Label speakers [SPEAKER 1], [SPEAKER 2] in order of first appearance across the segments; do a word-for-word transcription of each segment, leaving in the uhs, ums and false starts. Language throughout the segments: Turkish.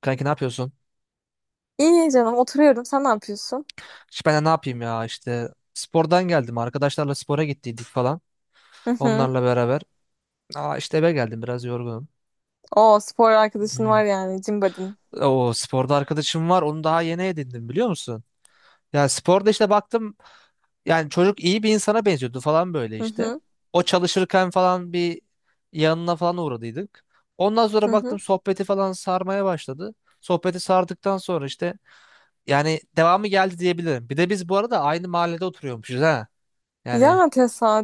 [SPEAKER 1] Kanki ne yapıyorsun?
[SPEAKER 2] İyi canım oturuyorum. Sen ne yapıyorsun?
[SPEAKER 1] İşte ben de ne yapayım ya işte spordan geldim. Arkadaşlarla spora gittiydik falan.
[SPEAKER 2] Hı hı.
[SPEAKER 1] Onlarla beraber. Aa işte eve geldim, biraz yorgunum.
[SPEAKER 2] O spor arkadaşın
[SPEAKER 1] Hmm.
[SPEAKER 2] var yani Cimbadin.
[SPEAKER 1] O sporda arkadaşım var. Onu daha yeni edindim, biliyor musun? Ya sporda işte baktım, yani çocuk iyi bir insana benziyordu falan, böyle
[SPEAKER 2] Hı
[SPEAKER 1] işte.
[SPEAKER 2] hı.
[SPEAKER 1] O çalışırken falan bir yanına falan uğradıydık. Ondan
[SPEAKER 2] Hı
[SPEAKER 1] sonra
[SPEAKER 2] hı.
[SPEAKER 1] baktım sohbeti falan sarmaya başladı. Sohbeti sardıktan sonra işte yani devamı geldi diyebilirim. Bir de biz bu arada aynı mahallede oturuyormuşuz ha.
[SPEAKER 2] Ya
[SPEAKER 1] Yani.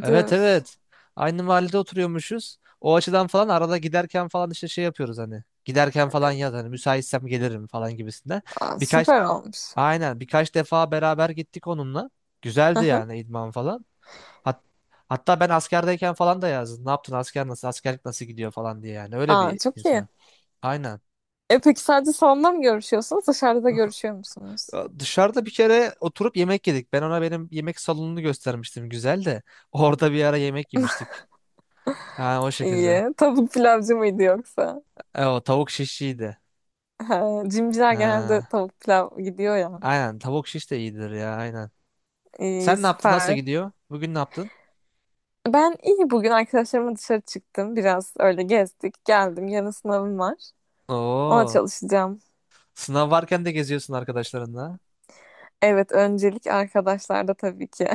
[SPEAKER 1] Evet, evet. Aynı mahallede oturuyormuşuz. O açıdan falan arada giderken falan işte şey yapıyoruz hani. Giderken falan yaz, hani müsaitsem gelirim falan gibisinden.
[SPEAKER 2] Aa,
[SPEAKER 1] Birkaç
[SPEAKER 2] süper olmuş.
[SPEAKER 1] aynen, birkaç defa beraber gittik onunla.
[SPEAKER 2] Hı
[SPEAKER 1] Güzeldi
[SPEAKER 2] hı.
[SPEAKER 1] yani, idman falan. Hat- Hatta ben askerdeyken falan da yazdım. Ne yaptın asker, nasıl askerlik nasıl gidiyor falan diye; yani öyle
[SPEAKER 2] Aa,
[SPEAKER 1] bir
[SPEAKER 2] çok iyi.
[SPEAKER 1] insan. Aynen.
[SPEAKER 2] E peki sadece salonda mı görüşüyorsunuz? Dışarıda da görüşüyor musunuz?
[SPEAKER 1] Ya dışarıda bir kere oturup yemek yedik. Ben ona benim yemek salonunu göstermiştim, güzel de. Orada bir ara yemek yemiştik. Ha, o şekilde.
[SPEAKER 2] İyi. Tavuk pilavcı mıydı yoksa?
[SPEAKER 1] E, o tavuk şiş iyiydi.
[SPEAKER 2] Ha, Cimciler genelde
[SPEAKER 1] Ha.
[SPEAKER 2] tavuk pilav gidiyor ya.
[SPEAKER 1] Aynen, tavuk şiş de iyidir ya, aynen.
[SPEAKER 2] İyi,
[SPEAKER 1] Sen ne yaptın? Nasıl
[SPEAKER 2] süper.
[SPEAKER 1] gidiyor? Bugün ne yaptın?
[SPEAKER 2] Ben iyi bugün arkadaşlarımla dışarı çıktım. Biraz öyle gezdik. Geldim. Yarın sınavım var. Ona
[SPEAKER 1] Oo.
[SPEAKER 2] çalışacağım.
[SPEAKER 1] Sınav varken de geziyorsun arkadaşlarınla.
[SPEAKER 2] Evet, öncelik arkadaşlarda tabii ki.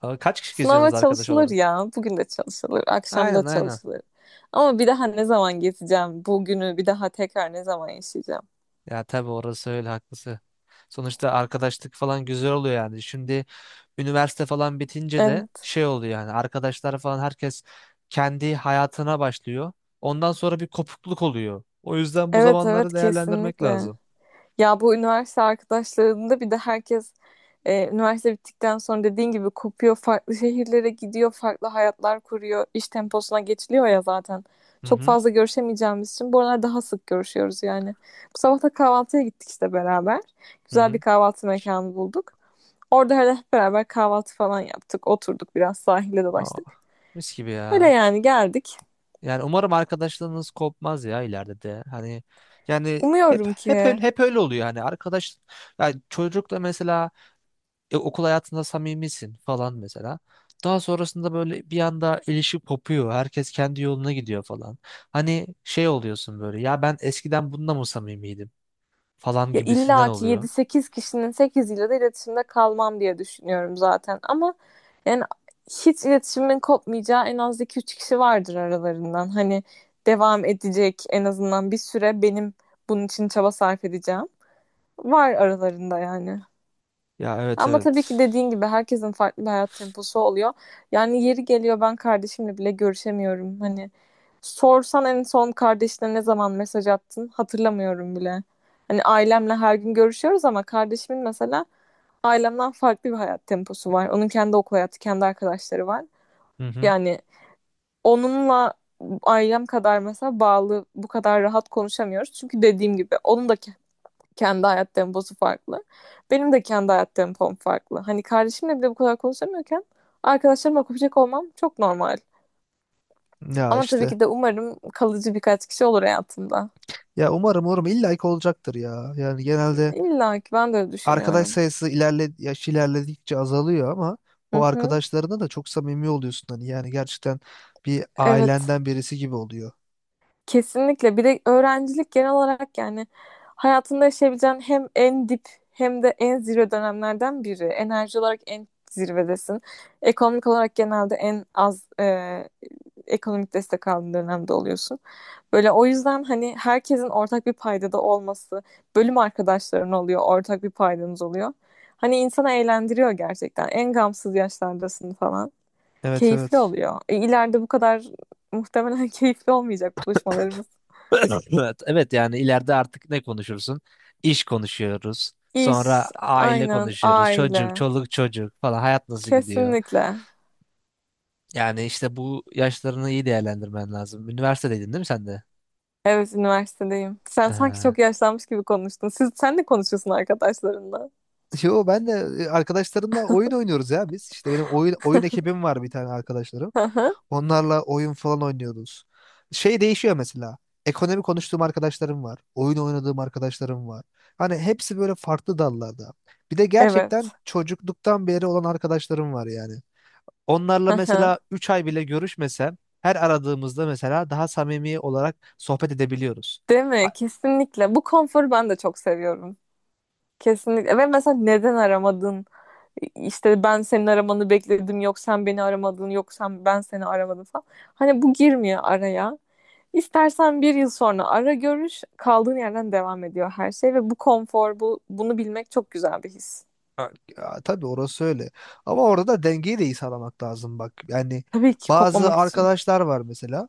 [SPEAKER 1] Aa, kaç kişi
[SPEAKER 2] Sınava
[SPEAKER 1] geziyorsunuz arkadaş
[SPEAKER 2] çalışılır
[SPEAKER 1] olarak?
[SPEAKER 2] ya. Bugün de çalışılır, akşam da
[SPEAKER 1] Aynen, aynen.
[SPEAKER 2] çalışılır. Ama bir daha ne zaman gezeceğim? Bugünü bir daha tekrar ne zaman yaşayacağım?
[SPEAKER 1] Ya tabii, orası öyle, haklısın. Sonuçta arkadaşlık falan güzel oluyor yani. Şimdi üniversite falan bitince de
[SPEAKER 2] Evet.
[SPEAKER 1] şey oluyor yani, arkadaşlar falan herkes kendi hayatına başlıyor. Ondan sonra bir kopukluk oluyor. O yüzden bu
[SPEAKER 2] Evet, evet
[SPEAKER 1] zamanları değerlendirmek
[SPEAKER 2] kesinlikle.
[SPEAKER 1] lazım.
[SPEAKER 2] Ya bu üniversite arkadaşlarında bir de herkes. E, üniversite bittikten sonra dediğin gibi kopuyor, farklı şehirlere gidiyor, farklı hayatlar kuruyor, iş temposuna geçiliyor ya zaten.
[SPEAKER 1] Hı
[SPEAKER 2] Çok
[SPEAKER 1] hı.
[SPEAKER 2] fazla görüşemeyeceğimiz için bu aralar daha sık görüşüyoruz yani. Bu sabah da kahvaltıya gittik işte beraber.
[SPEAKER 1] Hı
[SPEAKER 2] Güzel bir
[SPEAKER 1] hı.
[SPEAKER 2] kahvaltı mekanı bulduk. Orada hele hep beraber kahvaltı falan yaptık, oturduk biraz sahile
[SPEAKER 1] Aa,
[SPEAKER 2] dolaştık.
[SPEAKER 1] mis gibi
[SPEAKER 2] Öyle
[SPEAKER 1] ya.
[SPEAKER 2] yani geldik.
[SPEAKER 1] Yani umarım arkadaşlığınız kopmaz ya ileride de. Hani yani hep
[SPEAKER 2] Umuyorum ki.
[SPEAKER 1] hep öyle, hep öyle oluyor yani, arkadaş yani çocukla mesela, e, okul hayatında samimisin falan mesela. Daha sonrasında böyle bir anda ilişki kopuyor. Herkes kendi yoluna gidiyor falan. Hani şey oluyorsun böyle, ya ben eskiden bununla mı samimiydim falan
[SPEAKER 2] Ya
[SPEAKER 1] gibisinden
[SPEAKER 2] illa ki
[SPEAKER 1] oluyor.
[SPEAKER 2] yedi sekiz kişinin sekiziyle de iletişimde kalmam diye düşünüyorum zaten. Ama yani hiç iletişimin kopmayacağı en az iki üç kişi vardır aralarından. Hani devam edecek en azından bir süre, benim bunun için çaba sarf edeceğim. Var aralarında yani.
[SPEAKER 1] Ya evet,
[SPEAKER 2] Ama tabii ki
[SPEAKER 1] evet.
[SPEAKER 2] dediğin gibi herkesin farklı bir hayat temposu oluyor. Yani yeri geliyor, ben kardeşimle bile görüşemiyorum. Hani sorsan en son kardeşine ne zaman mesaj attın, hatırlamıyorum bile. Hani ailemle her gün görüşüyoruz ama kardeşimin mesela ailemden farklı bir hayat temposu var. Onun kendi okul hayatı, kendi arkadaşları var.
[SPEAKER 1] Hı hı.
[SPEAKER 2] Yani onunla ailem kadar mesela bağlı, bu kadar rahat konuşamıyoruz. Çünkü dediğim gibi onun da kendi hayat temposu farklı. Benim de kendi hayat tempom farklı. Hani kardeşimle bile bu kadar konuşamıyorken arkadaşlarıma kopacak olmam çok normal.
[SPEAKER 1] Ya
[SPEAKER 2] Ama tabii
[SPEAKER 1] işte.
[SPEAKER 2] ki de umarım kalıcı birkaç kişi olur hayatımda.
[SPEAKER 1] Ya umarım, umarım, illa ki olacaktır ya. Yani genelde
[SPEAKER 2] İlla ki ben de öyle
[SPEAKER 1] arkadaş
[SPEAKER 2] düşünüyorum.
[SPEAKER 1] sayısı ilerle yaş ilerledikçe azalıyor ama
[SPEAKER 2] Hı
[SPEAKER 1] o
[SPEAKER 2] hı.
[SPEAKER 1] arkadaşlarına da çok samimi oluyorsun hani, yani gerçekten bir
[SPEAKER 2] Evet.
[SPEAKER 1] ailenden birisi gibi oluyor.
[SPEAKER 2] Kesinlikle. Bir de öğrencilik genel olarak yani hayatında yaşayabileceğin hem en dip hem de en zirve dönemlerden biri. Enerji olarak en zirvedesin. Ekonomik olarak genelde en az e, ekonomik destek aldığın dönemde oluyorsun. Böyle, o yüzden hani herkesin ortak bir paydada olması, bölüm arkadaşların oluyor, ortak bir paydanız oluyor. Hani insana eğlendiriyor gerçekten. En gamsız yaşlardasın falan.
[SPEAKER 1] Evet,
[SPEAKER 2] Keyifli
[SPEAKER 1] evet.
[SPEAKER 2] oluyor. E, ileride bu kadar muhtemelen keyifli olmayacak buluşmalarımız.
[SPEAKER 1] Evet, evet, evet yani ileride artık ne konuşursun? İş konuşuyoruz.
[SPEAKER 2] İş,
[SPEAKER 1] Sonra aile
[SPEAKER 2] aynen,
[SPEAKER 1] konuşuyoruz. Çocuk,
[SPEAKER 2] aile.
[SPEAKER 1] çoluk, çocuk falan. Hayat nasıl gidiyor?
[SPEAKER 2] Kesinlikle.
[SPEAKER 1] Yani işte bu yaşlarını iyi değerlendirmen lazım. Üniversitedeydin değil mi sen de?
[SPEAKER 2] Evet, üniversitedeyim. Sen sanki
[SPEAKER 1] Ee,
[SPEAKER 2] çok yaşlanmış gibi konuştun. Siz, sen de konuşuyorsun arkadaşlarınla.
[SPEAKER 1] Yo ben de e, arkadaşlarımla oyun oynuyoruz ya biz. İşte benim oyun oyun ekibim var, bir tane arkadaşlarım.
[SPEAKER 2] Hı hı.
[SPEAKER 1] Onlarla oyun falan oynuyoruz. Şey değişiyor mesela. Ekonomi konuştuğum arkadaşlarım var. Oyun oynadığım arkadaşlarım var. Hani hepsi böyle farklı dallarda. Bir de gerçekten
[SPEAKER 2] Evet.
[SPEAKER 1] çocukluktan beri olan arkadaşlarım var yani.
[SPEAKER 2] Hı
[SPEAKER 1] Onlarla
[SPEAKER 2] hı.
[SPEAKER 1] mesela üç ay bile görüşmesem her aradığımızda mesela daha samimi olarak sohbet edebiliyoruz.
[SPEAKER 2] Değil mi? Kesinlikle. Bu konforu ben de çok seviyorum. Kesinlikle. Ve mesela neden aramadın? İşte ben senin aramanı bekledim. Yok sen beni aramadın. Yok sen, ben seni aramadım falan. Hani bu girmiyor araya. İstersen bir yıl sonra ara görüş, kaldığın yerden devam ediyor her şey ve bu konfor, bu, bunu bilmek çok güzel bir his.
[SPEAKER 1] Ha, ya, tabii orası öyle. Ama orada da dengeyi de iyi sağlamak lazım bak. Yani
[SPEAKER 2] Tabii ki
[SPEAKER 1] bazı
[SPEAKER 2] kopmamak için.
[SPEAKER 1] arkadaşlar var mesela.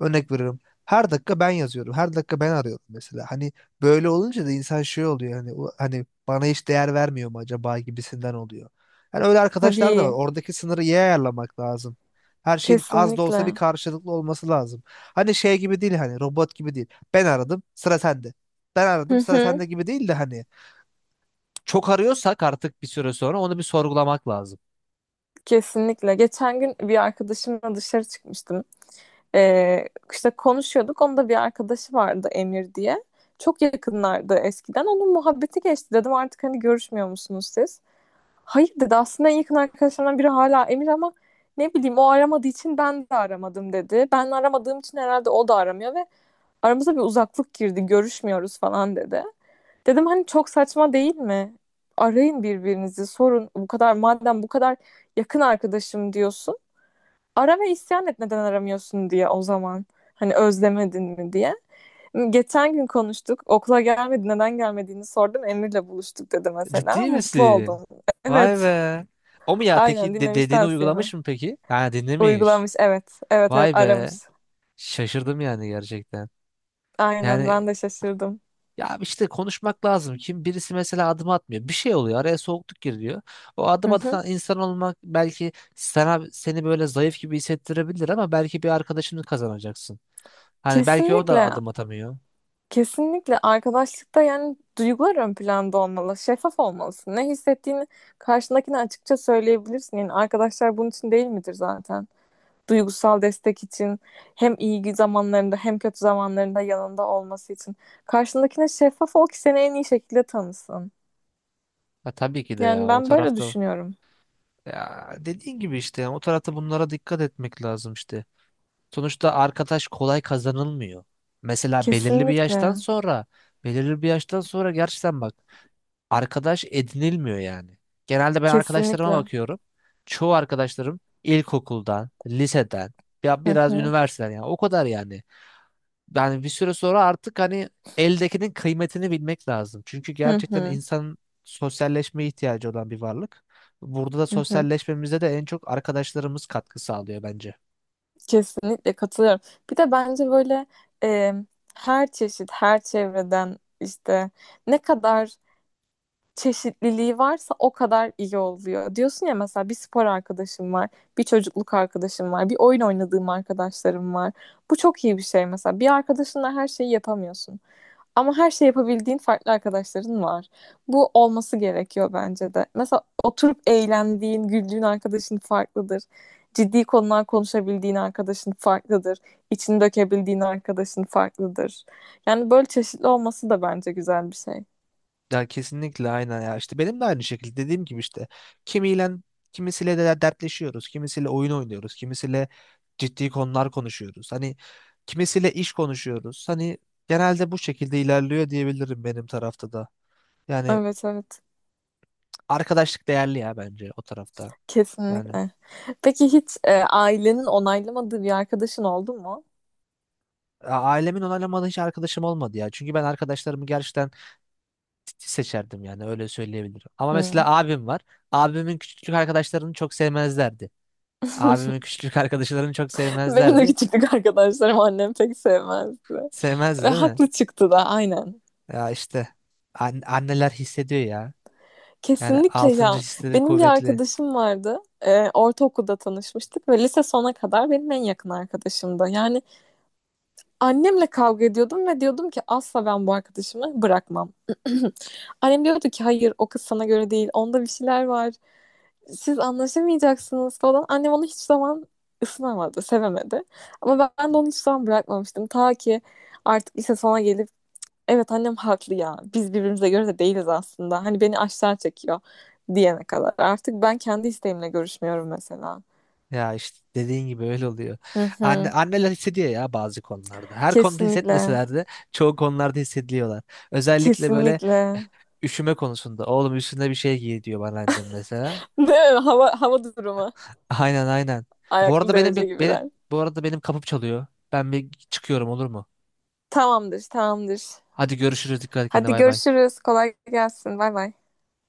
[SPEAKER 1] Örnek veriyorum. Her dakika ben yazıyorum. Her dakika ben arıyorum mesela. Hani böyle olunca da insan şey oluyor. Hani, "U- hani bana hiç değer vermiyor mu" acaba gibisinden oluyor. Yani öyle arkadaşlar da var.
[SPEAKER 2] Tabii,
[SPEAKER 1] Oradaki sınırı iyi ayarlamak lazım. Her şeyin az da olsa bir
[SPEAKER 2] kesinlikle.
[SPEAKER 1] karşılıklı olması lazım. Hani şey gibi değil, hani robot gibi değil. Ben aradım, sıra sende. Ben
[SPEAKER 2] Hı
[SPEAKER 1] aradım, sıra
[SPEAKER 2] hı,
[SPEAKER 1] sende gibi değil de hani, çok arıyorsak artık bir süre sonra onu bir sorgulamak lazım.
[SPEAKER 2] kesinlikle. Geçen gün bir arkadaşımla dışarı çıkmıştım. Ee, işte konuşuyorduk. Onun da bir arkadaşı vardı, Emir diye. Çok yakınlardı eskiden. Onun muhabbeti geçti. Dedim artık hani görüşmüyor musunuz siz? Hayır dedi, aslında en yakın arkadaşlarımdan biri hala Emir ama ne bileyim, o aramadığı için ben de aramadım dedi. Ben aramadığım için herhalde o da aramıyor ve aramıza bir uzaklık girdi, görüşmüyoruz falan dedi. Dedim hani çok saçma değil mi? Arayın birbirinizi, sorun bu kadar, madem bu kadar yakın arkadaşım diyorsun. Ara ve isyan et, neden aramıyorsun diye o zaman. Hani özlemedin mi diye. Geçen gün konuştuk. Okula gelmedi, neden gelmediğini sordum. Emir'le buluştuk dedi mesela.
[SPEAKER 1] Ciddi
[SPEAKER 2] Mutlu
[SPEAKER 1] misin?
[SPEAKER 2] oldum.
[SPEAKER 1] Vay
[SPEAKER 2] Evet.
[SPEAKER 1] be. O mu ya?
[SPEAKER 2] Aynen
[SPEAKER 1] Peki de,
[SPEAKER 2] dinlemiş
[SPEAKER 1] dediğini
[SPEAKER 2] tavsiyemi.
[SPEAKER 1] uygulamış mı peki? Ha, dinlemiş.
[SPEAKER 2] Uygulamış, evet. Evet, evet,
[SPEAKER 1] Vay be.
[SPEAKER 2] aramış.
[SPEAKER 1] Şaşırdım yani, gerçekten.
[SPEAKER 2] Aynen,
[SPEAKER 1] Yani
[SPEAKER 2] ben de şaşırdım.
[SPEAKER 1] ya, işte konuşmak lazım. Kim birisi mesela adım atmıyor. Bir şey oluyor. Araya soğukluk giriyor. O
[SPEAKER 2] Hı
[SPEAKER 1] adım
[SPEAKER 2] hı.
[SPEAKER 1] atan insan olmak belki sana seni böyle zayıf gibi hissettirebilir ama belki bir arkadaşını kazanacaksın. Hani belki o da
[SPEAKER 2] Kesinlikle.
[SPEAKER 1] adım atamıyor.
[SPEAKER 2] Kesinlikle, arkadaşlıkta yani duygular ön planda olmalı. Şeffaf olmalısın. Ne hissettiğini karşındakine açıkça söyleyebilirsin. Yani arkadaşlar bunun için değil midir zaten? Duygusal destek için hem iyi zamanlarında hem kötü zamanlarında yanında olması için. Karşındakine şeffaf ol ki seni en iyi şekilde tanısın.
[SPEAKER 1] Ha, tabii ki de
[SPEAKER 2] Yani
[SPEAKER 1] ya, o
[SPEAKER 2] ben böyle
[SPEAKER 1] tarafta.
[SPEAKER 2] düşünüyorum.
[SPEAKER 1] Ya dediğin gibi işte, yani o tarafta bunlara dikkat etmek lazım işte. Sonuçta arkadaş kolay kazanılmıyor. Mesela belirli bir yaştan
[SPEAKER 2] Kesinlikle.
[SPEAKER 1] sonra, belirli bir yaştan sonra gerçekten bak, arkadaş edinilmiyor yani. Genelde ben arkadaşlarıma
[SPEAKER 2] Kesinlikle.
[SPEAKER 1] bakıyorum. Çoğu arkadaşlarım ilkokuldan, liseden, ya
[SPEAKER 2] Hı
[SPEAKER 1] biraz
[SPEAKER 2] hı,
[SPEAKER 1] üniversiteden, yani o kadar. Yani yani bir süre sonra artık hani eldekinin kıymetini bilmek lazım. Çünkü
[SPEAKER 2] hı
[SPEAKER 1] gerçekten
[SPEAKER 2] hı,
[SPEAKER 1] insan sosyalleşmeye ihtiyacı olan bir varlık. Burada da
[SPEAKER 2] hı hı.
[SPEAKER 1] sosyalleşmemize de en çok arkadaşlarımız katkı sağlıyor bence.
[SPEAKER 2] Kesinlikle katılıyorum. Bir de bence böyle e, her çeşit, her çevreden işte ne kadar çeşitliliği varsa o kadar iyi oluyor. Diyorsun ya, mesela bir spor arkadaşım var, bir çocukluk arkadaşım var, bir oyun oynadığım arkadaşlarım var. Bu çok iyi bir şey mesela. Bir arkadaşınla her şeyi yapamıyorsun. Ama her şey yapabildiğin farklı arkadaşların var. Bu olması gerekiyor bence de. Mesela oturup eğlendiğin, güldüğün arkadaşın farklıdır. Ciddi konular konuşabildiğin arkadaşın farklıdır. İçini dökebildiğin arkadaşın farklıdır. Yani böyle çeşitli olması da bence güzel bir şey.
[SPEAKER 1] Ya kesinlikle, aynen ya. İşte benim de aynı şekilde dediğim gibi işte, kimiyle kimisiyle de dertleşiyoruz, kimisiyle oyun oynuyoruz, kimisiyle ciddi konular konuşuyoruz. Hani kimisiyle iş konuşuyoruz. Hani genelde bu şekilde ilerliyor diyebilirim benim tarafta da. Yani
[SPEAKER 2] Evet, evet.
[SPEAKER 1] arkadaşlık değerli ya, bence o tarafta. Yani,
[SPEAKER 2] Kesinlikle. Peki hiç e, ailenin onaylamadığı bir arkadaşın oldu mu?
[SPEAKER 1] A- ailemin onaylamadığı hiç arkadaşım olmadı ya. Çünkü ben arkadaşlarımı gerçekten titiz seçerdim, yani öyle söyleyebilirim. Ama
[SPEAKER 2] Hmm.
[SPEAKER 1] mesela abim var. Abimin küçüklük arkadaşlarını çok sevmezlerdi. Abimin küçüklük arkadaşlarını çok
[SPEAKER 2] Benim de
[SPEAKER 1] sevmezlerdi.
[SPEAKER 2] küçüklük arkadaşlarım, annem pek sevmezdi. Ve
[SPEAKER 1] Sevmezdi değil mi?
[SPEAKER 2] haklı çıktı da, aynen.
[SPEAKER 1] Ya işte, an- anneler hissediyor ya. Yani
[SPEAKER 2] Kesinlikle
[SPEAKER 1] altıncı
[SPEAKER 2] ya.
[SPEAKER 1] hisleri
[SPEAKER 2] Benim bir
[SPEAKER 1] kuvvetli.
[SPEAKER 2] arkadaşım vardı. Ee, ortaokulda tanışmıştık ve lise sona kadar benim en yakın arkadaşımdı. Yani annemle kavga ediyordum ve diyordum ki asla ben bu arkadaşımı bırakmam. Annem diyordu ki hayır, o kız sana göre değil. Onda bir şeyler var. Siz anlaşamayacaksınız falan. Annem onu hiç zaman ısınamadı, sevemedi. Ama ben de onu hiç zaman bırakmamıştım. Ta ki artık lise sona gelip, evet annem haklı ya. Biz birbirimize göre de değiliz aslında. Hani beni aşağı çekiyor diyene kadar. Artık ben kendi isteğimle görüşmüyorum mesela.
[SPEAKER 1] Ya işte dediğin gibi öyle oluyor.
[SPEAKER 2] Hı
[SPEAKER 1] Anne,
[SPEAKER 2] hı.
[SPEAKER 1] anneler hissediyor ya bazı konularda. Her konuda
[SPEAKER 2] Kesinlikle.
[SPEAKER 1] hissetmeseler de çoğu konularda hissediyorlar. Özellikle böyle
[SPEAKER 2] Kesinlikle.
[SPEAKER 1] üşüme konusunda. Oğlum üstüne bir şey giy diyor bana annem mesela.
[SPEAKER 2] Değil mi? Hava, hava durumu.
[SPEAKER 1] Aynen, aynen. Bu
[SPEAKER 2] Ayaklı
[SPEAKER 1] arada, benim
[SPEAKER 2] derece
[SPEAKER 1] bir benim
[SPEAKER 2] gibiler.
[SPEAKER 1] bu arada benim kapım çalıyor. Ben bir çıkıyorum, olur mu?
[SPEAKER 2] Tamamdır, tamamdır.
[SPEAKER 1] Hadi görüşürüz. Dikkat et kendine,
[SPEAKER 2] Hadi
[SPEAKER 1] bay bay.
[SPEAKER 2] görüşürüz. Kolay gelsin. Bay bay.